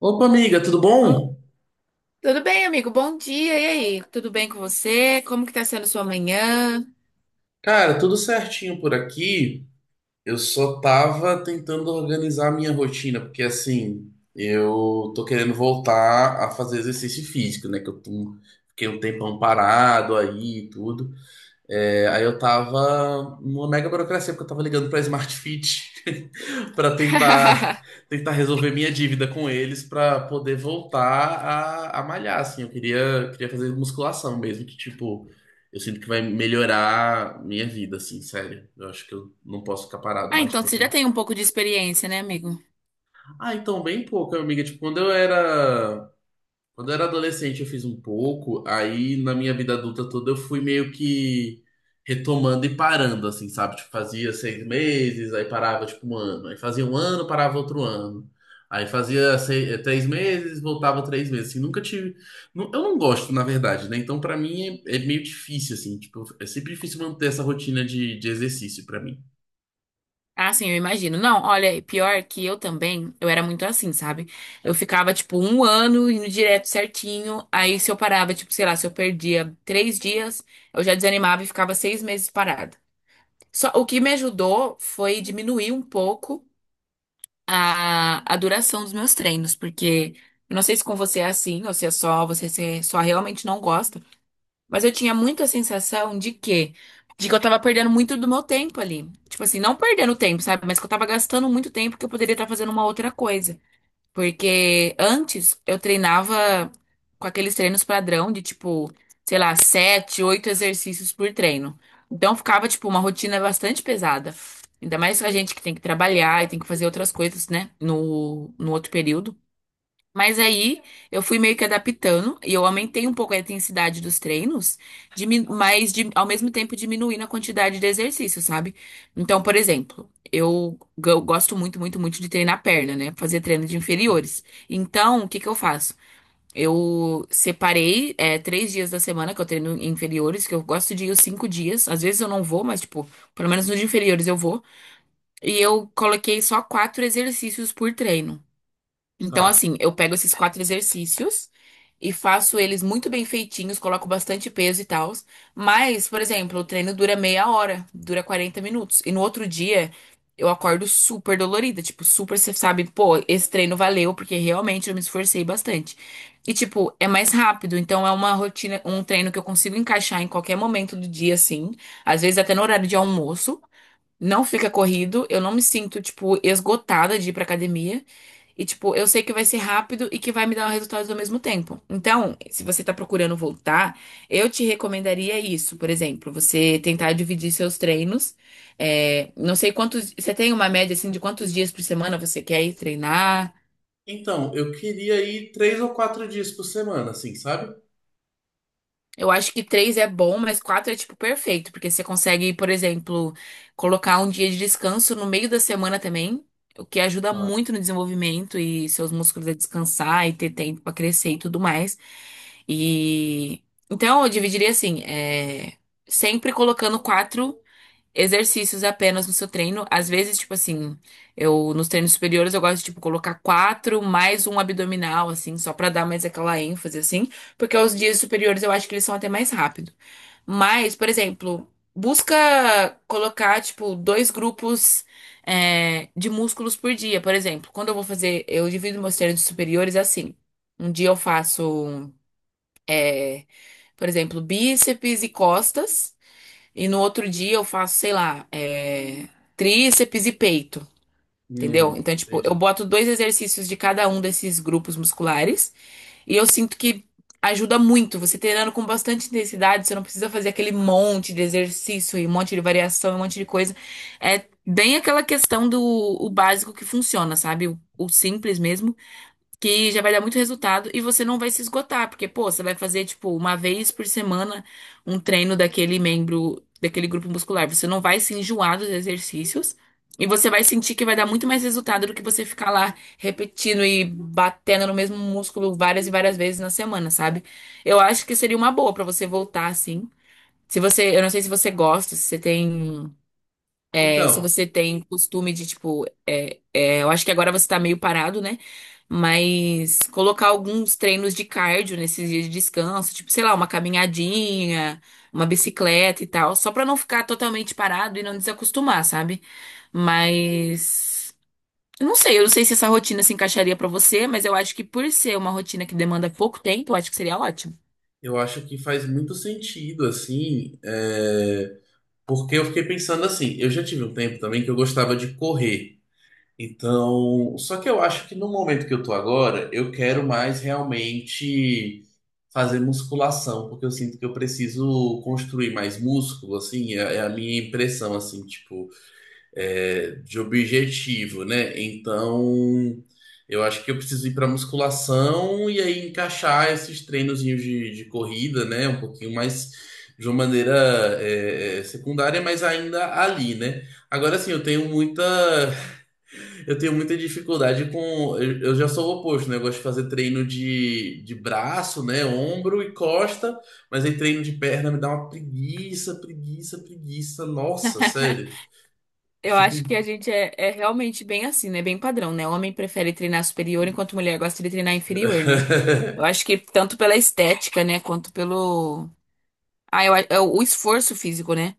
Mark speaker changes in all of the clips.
Speaker 1: Opa, amiga, tudo
Speaker 2: Ah,
Speaker 1: bom?
Speaker 2: tudo bem, amigo? Bom dia. E aí? Tudo bem com você? Como que tá sendo sua manhã?
Speaker 1: Cara, tudo certinho por aqui. Eu só tava tentando organizar a minha rotina, porque assim, eu tô querendo voltar a fazer exercício físico, né? Que eu tô- fiquei um tempão parado aí e tudo. É, aí eu tava numa mega burocracia, porque eu tava ligando pra Smart Fit pra tentar, tentar resolver minha dívida com eles pra poder voltar a malhar, assim. Eu queria, queria fazer musculação mesmo, que tipo, eu sinto que vai melhorar minha vida, assim, sério. Eu acho que eu não posso ficar parado
Speaker 2: Ah,
Speaker 1: mais
Speaker 2: então você
Speaker 1: tempo,
Speaker 2: já
Speaker 1: não.
Speaker 2: tem um pouco de experiência, né, amigo?
Speaker 1: Ah, então, bem pouco, amiga. Tipo, quando eu era adolescente, eu fiz um pouco, aí na minha vida adulta toda eu fui meio que retomando e parando, assim, sabe? Tipo, fazia seis meses, aí parava, tipo, um ano. Aí fazia um ano, parava outro ano. Aí fazia seis, três meses, voltava três meses, assim, nunca tive... nu- Eu não gosto, na verdade, né? Então, pra mim, é meio difícil, assim, tipo, é sempre difícil manter essa rotina de exercício pra mim.
Speaker 2: Ah, sim, eu imagino. Não, olha, pior que eu também, eu era muito assim, sabe? Eu ficava, tipo, um ano indo direto certinho. Aí se eu parava, tipo, sei lá, se eu perdia 3 dias, eu já desanimava e ficava 6 meses parada. Só, o que me ajudou foi diminuir um pouco a duração dos meus treinos, porque eu não sei se com você é assim, ou se é só, você se- só realmente não gosta, mas eu tinha muita sensação de que eu tava perdendo muito do meu tempo ali. Tipo assim, não perdendo tempo, sabe? Mas que eu tava gastando muito tempo que eu poderia estar fazendo uma outra coisa. Porque antes eu treinava com aqueles treinos padrão de tipo, sei lá, sete, oito exercícios por treino. Então ficava, tipo, uma rotina bastante pesada. Ainda mais a gente que tem que trabalhar e tem que fazer outras coisas, né? No outro período. Mas aí eu fui meio que adaptando e eu aumentei um pouco a intensidade dos treinos, ao mesmo tempo diminuindo a quantidade de exercício, sabe? Então, por exemplo, eu gosto muito, muito, muito de treinar perna, né? Fazer treino de inferiores. Então, o que que eu faço? Eu separei, é, 3 dias da semana que eu treino em inferiores, que eu gosto de ir os 5 dias. Às vezes eu não vou, mas, tipo, pelo menos nos de inferiores eu vou. E eu coloquei só quatro exercícios por treino. Então,
Speaker 1: Tá.
Speaker 2: assim, eu pego esses quatro exercícios e faço eles muito bem feitinhos, coloco bastante peso e tal. Mas, por exemplo, o treino dura meia hora, dura 40 minutos. E no outro dia, eu acordo super dolorida. Tipo, super, você sabe, pô, esse treino valeu, porque realmente eu me esforcei bastante. E, tipo, é mais rápido. Então, é uma rotina, um treino que eu consigo encaixar em qualquer momento do dia, assim. Às vezes, até no horário de almoço. Não fica corrido, eu não me sinto, tipo, esgotada de ir pra academia. E, tipo, eu sei que vai ser rápido e que vai me dar resultados ao mesmo tempo. Então, se você tá procurando voltar, eu te recomendaria isso, por exemplo, você tentar dividir seus treinos. É, não sei quantos. Você tem uma média, assim, de quantos dias por semana você quer ir treinar?
Speaker 1: Então, eu queria ir três ou quatro dias por semana, assim, sabe?
Speaker 2: Eu acho que três é bom, mas quatro é tipo perfeito, porque você consegue, por exemplo, colocar um dia de descanso no meio da semana também, o que ajuda
Speaker 1: Tá.
Speaker 2: muito no desenvolvimento e seus músculos a descansar e ter tempo pra crescer e tudo mais. E então eu dividiria assim, é, sempre colocando quatro exercícios apenas no seu treino. Às vezes, tipo assim, eu nos treinos superiores eu gosto de tipo colocar quatro mais um abdominal, assim, só pra dar mais aquela ênfase, assim, porque os dias superiores eu acho que eles são até mais rápido. Mas, por exemplo, busca colocar tipo dois grupos é, de músculos por dia, por exemplo. Quando eu vou fazer, eu divido meus treinos superiores assim. Um dia eu faço, por exemplo, bíceps e costas. E no outro dia eu faço, sei lá, é, tríceps e peito,
Speaker 1: Hum,
Speaker 2: entendeu? Então, tipo, eu
Speaker 1: entendi.
Speaker 2: boto dois exercícios de cada um desses grupos musculares e eu sinto que ajuda muito. Você treinando com bastante intensidade, você não precisa fazer aquele monte de exercício e um monte de variação e um monte de coisa. É bem aquela questão do o básico que funciona, sabe? O simples mesmo que já vai dar muito resultado e você não vai se esgotar, porque, pô, você vai fazer, tipo, uma vez por semana um treino daquele membro, daquele grupo muscular. Você não vai se enjoar dos exercícios e você vai sentir que vai dar muito mais resultado do que você ficar lá repetindo e batendo no mesmo músculo várias e várias vezes na semana, sabe? Eu acho que seria uma boa pra você voltar assim. Se você, eu não sei se você gosta, se você tem. É, se
Speaker 1: Então,
Speaker 2: você tem costume de, tipo, eu acho que agora você tá meio parado, né? Mas colocar alguns treinos de cardio nesses dias de descanso, tipo, sei lá, uma caminhadinha, uma bicicleta e tal, só pra não ficar totalmente parado e não desacostumar, sabe? Mas eu não sei se essa rotina se encaixaria pra você, mas eu acho que por ser uma rotina que demanda pouco tempo, eu acho que seria ótimo.
Speaker 1: eu acho que faz muito sentido, assim, é, porque eu fiquei pensando assim, eu já tive um tempo também que eu gostava de correr. Então, só que eu acho que no momento que eu tô agora, eu quero mais realmente fazer musculação, porque eu sinto que eu preciso construir mais músculo, assim, é a minha impressão, assim, tipo é, de objetivo, né? Então, eu acho que eu preciso ir para musculação e aí encaixar esses treinozinhos de corrida, né? Um pouquinho mais de uma maneira secundária, mas ainda ali, né? Agora assim, eu tenho muita, eu tenho muita dificuldade com, eu já sou o oposto, né? Eu gosto de fazer treino de braço, né? Ombro e costa, mas aí treino de perna me dá uma preguiça, preguiça, preguiça. Nossa, sério, eu
Speaker 2: Eu acho
Speaker 1: fico
Speaker 2: que a gente é realmente bem assim, né? Bem padrão, né? Homem prefere treinar superior, enquanto mulher gosta de treinar inferior, né? Eu acho que tanto pela estética, né? Quanto pelo. Ah, eu, é o esforço físico, né?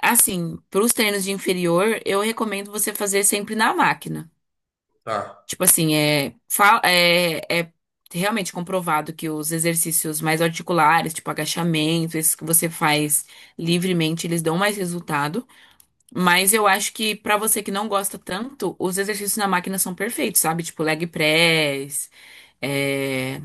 Speaker 2: Assim, pros treinos de inferior, eu recomendo você fazer sempre na máquina.
Speaker 1: Tá.
Speaker 2: Tipo assim, é realmente comprovado que os exercícios mais articulares, tipo agachamento, esses que você faz livremente, eles dão mais resultado. Mas eu acho que pra você que não gosta tanto, os exercícios na máquina são perfeitos, sabe? Tipo leg press, é,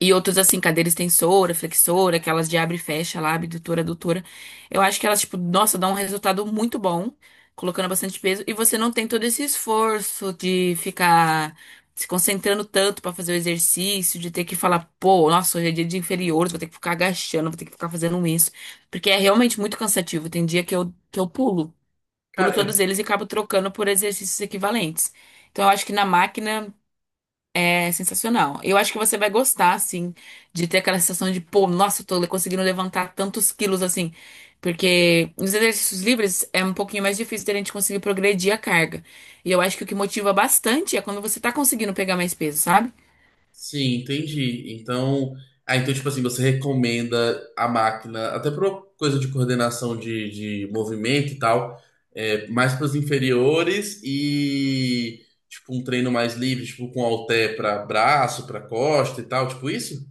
Speaker 2: e outros assim, cadeira extensora, flexora, aquelas de abre e fecha lá, abdutora, adutora. Eu acho que elas, tipo, nossa, dão um resultado muito bom, colocando bastante peso, e você não tem todo esse esforço de ficar se concentrando tanto pra fazer o exercício, de ter que falar, pô, nossa, hoje é dia de inferiores, vou ter que ficar agachando, vou ter que ficar fazendo isso, porque é realmente muito cansativo. Tem dia que eu pulo pulo
Speaker 1: Cara,
Speaker 2: todos
Speaker 1: é...
Speaker 2: eles e acabo trocando por exercícios equivalentes. Então, eu acho que na máquina é sensacional. Eu acho que você vai gostar, assim, de ter aquela sensação de, pô, nossa, conseguindo levantar tantos quilos, assim. Porque nos exercícios livres é um pouquinho mais difícil da gente conseguir progredir a carga. E eu acho que o que motiva bastante é quando você tá conseguindo pegar mais peso, sabe?
Speaker 1: Sim, entendi. Então, ah, então, tipo assim, você recomenda a máquina, até para coisa de coordenação de movimento e tal, é, mais para os inferiores e, tipo, um treino mais livre, tipo, com halter para braço, para costa e tal, tipo isso?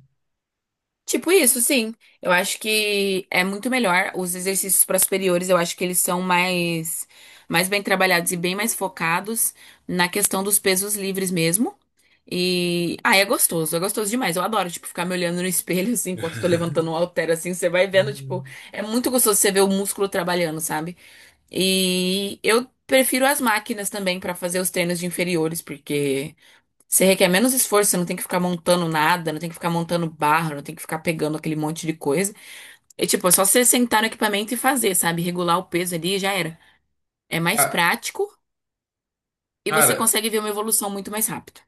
Speaker 2: Tipo isso, sim. Eu acho que é muito melhor. Os exercícios para superiores, eu acho que eles mais bem trabalhados e bem mais focados na questão dos pesos livres mesmo. E, ah, é gostoso demais. Eu adoro, tipo, ficar me olhando no espelho, assim, enquanto eu tô levantando um halter, assim, você vai vendo, tipo,
Speaker 1: Hum.
Speaker 2: é muito gostoso você ver o músculo trabalhando, sabe? E eu prefiro as máquinas também para fazer os treinos de inferiores, porque você requer menos esforço, você não tem que ficar montando nada, não tem que ficar montando barra, não tem que ficar pegando aquele monte de coisa. É tipo, é só você sentar no equipamento e fazer, sabe? Regular o peso ali e já era. É mais
Speaker 1: Ah,
Speaker 2: prático e você
Speaker 1: cara,
Speaker 2: consegue ver uma evolução muito mais rápida.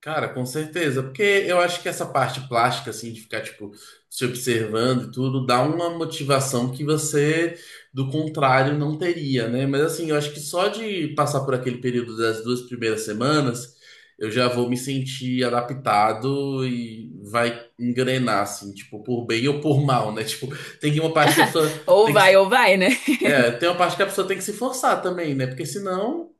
Speaker 1: cara, com certeza, porque eu acho que essa parte plástica, assim, de ficar, tipo, se observando e tudo, dá uma motivação que você, do contrário, não teria, né? Mas, assim, eu acho que só de passar por aquele período das duas primeiras semanas, eu já vou me sentir adaptado e vai engrenar, assim, tipo, por bem ou por mal, né? Tipo, tem uma parte que a pessoa tem que.
Speaker 2: Ou vai, né?
Speaker 1: É, tem uma parte que a pessoa tem que se forçar também, né? Porque senão.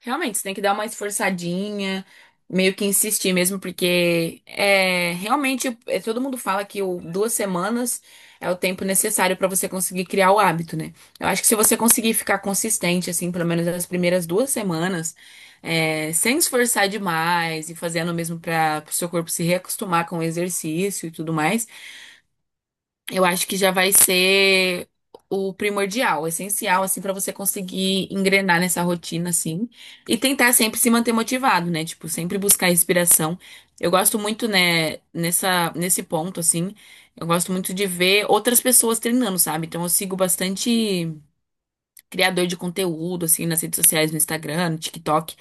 Speaker 2: Realmente, você tem que dar uma esforçadinha, meio que insistir mesmo, porque é realmente todo mundo fala que o, 2 semanas é o tempo necessário para você conseguir criar o hábito, né? Eu acho que se você conseguir ficar consistente, assim, pelo menos nas primeiras 2 semanas, é, sem esforçar demais e fazendo mesmo para o seu corpo se reacostumar com o exercício e tudo mais, eu acho que já vai ser o primordial, o essencial, assim, pra você conseguir engrenar nessa rotina, assim, e tentar sempre se manter motivado, né? Tipo, sempre buscar inspiração. Eu gosto muito, né, nesse ponto, assim, eu gosto muito de ver outras pessoas treinando, sabe? Então, eu sigo bastante criador de conteúdo, assim, nas redes sociais, no Instagram, no TikTok,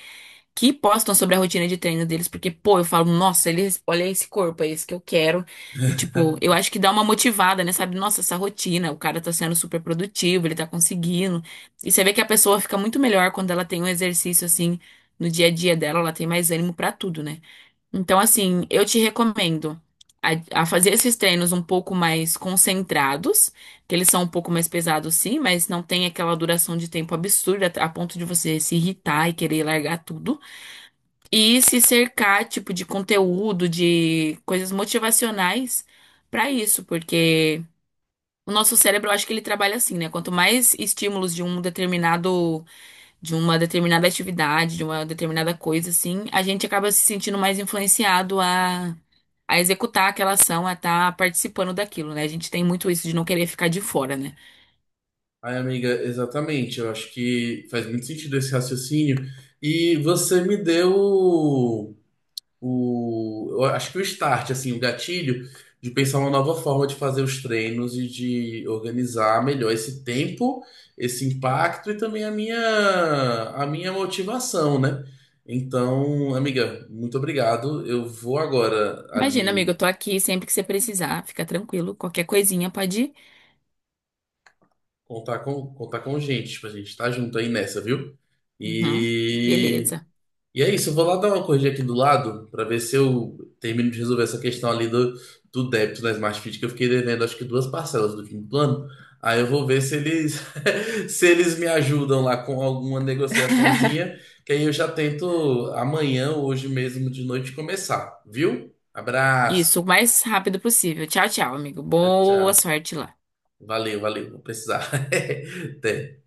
Speaker 2: que postam sobre a rotina de treino deles, porque, pô, eu falo, nossa, eles, olha esse corpo, é esse que eu quero. E, tipo, eu acho que dá uma motivada, né? Sabe, nossa, essa rotina, o cara tá sendo super produtivo, ele tá conseguindo. E você vê que a pessoa fica muito melhor quando ela tem um exercício assim no dia a dia dela, ela tem mais ânimo pra tudo, né? Então, assim, eu te recomendo a fazer esses treinos um pouco mais concentrados, que eles são um pouco mais pesados, sim, mas não tem aquela duração de tempo absurda a ponto de você se irritar e querer largar tudo. E se cercar, tipo, de conteúdo, de coisas motivacionais pra isso, porque o nosso cérebro, eu acho que ele trabalha assim, né? Quanto mais estímulos de uma determinada atividade, de uma determinada coisa, assim, a gente acaba se sentindo mais influenciado a executar aquela ação, a estar participando daquilo, né? A gente tem muito isso de não querer ficar de fora, né?
Speaker 1: Ai, amiga, exatamente. Eu acho que faz muito sentido esse raciocínio. E você me deu o- eu acho que o start, assim, o gatilho de pensar uma nova forma de fazer os treinos e de organizar melhor esse tempo, esse impacto e também a minha motivação, né? Então, amiga, muito obrigado. Eu vou agora
Speaker 2: Imagina,
Speaker 1: ali
Speaker 2: amigo, eu tô aqui sempre que você precisar, fica tranquilo, qualquer coisinha pode ir.
Speaker 1: contar com gente, pra gente estar junto aí nessa, viu?
Speaker 2: Uhum,
Speaker 1: E
Speaker 2: beleza.
Speaker 1: e é isso, eu vou lá dar uma corrigida aqui do lado para ver se eu termino de resolver essa questão ali do, do débito na Smart Fit, que eu fiquei devendo acho que duas parcelas do fim do plano. Aí eu vou ver se eles se eles me ajudam lá com alguma negociaçãozinha, que aí eu já tento amanhã, hoje mesmo de noite começar, viu? Abraço.
Speaker 2: Isso, o mais rápido possível. Tchau, tchau, amigo.
Speaker 1: Tchau, tchau.
Speaker 2: Boa sorte lá.
Speaker 1: Valeu, valeu, vou precisar. Até.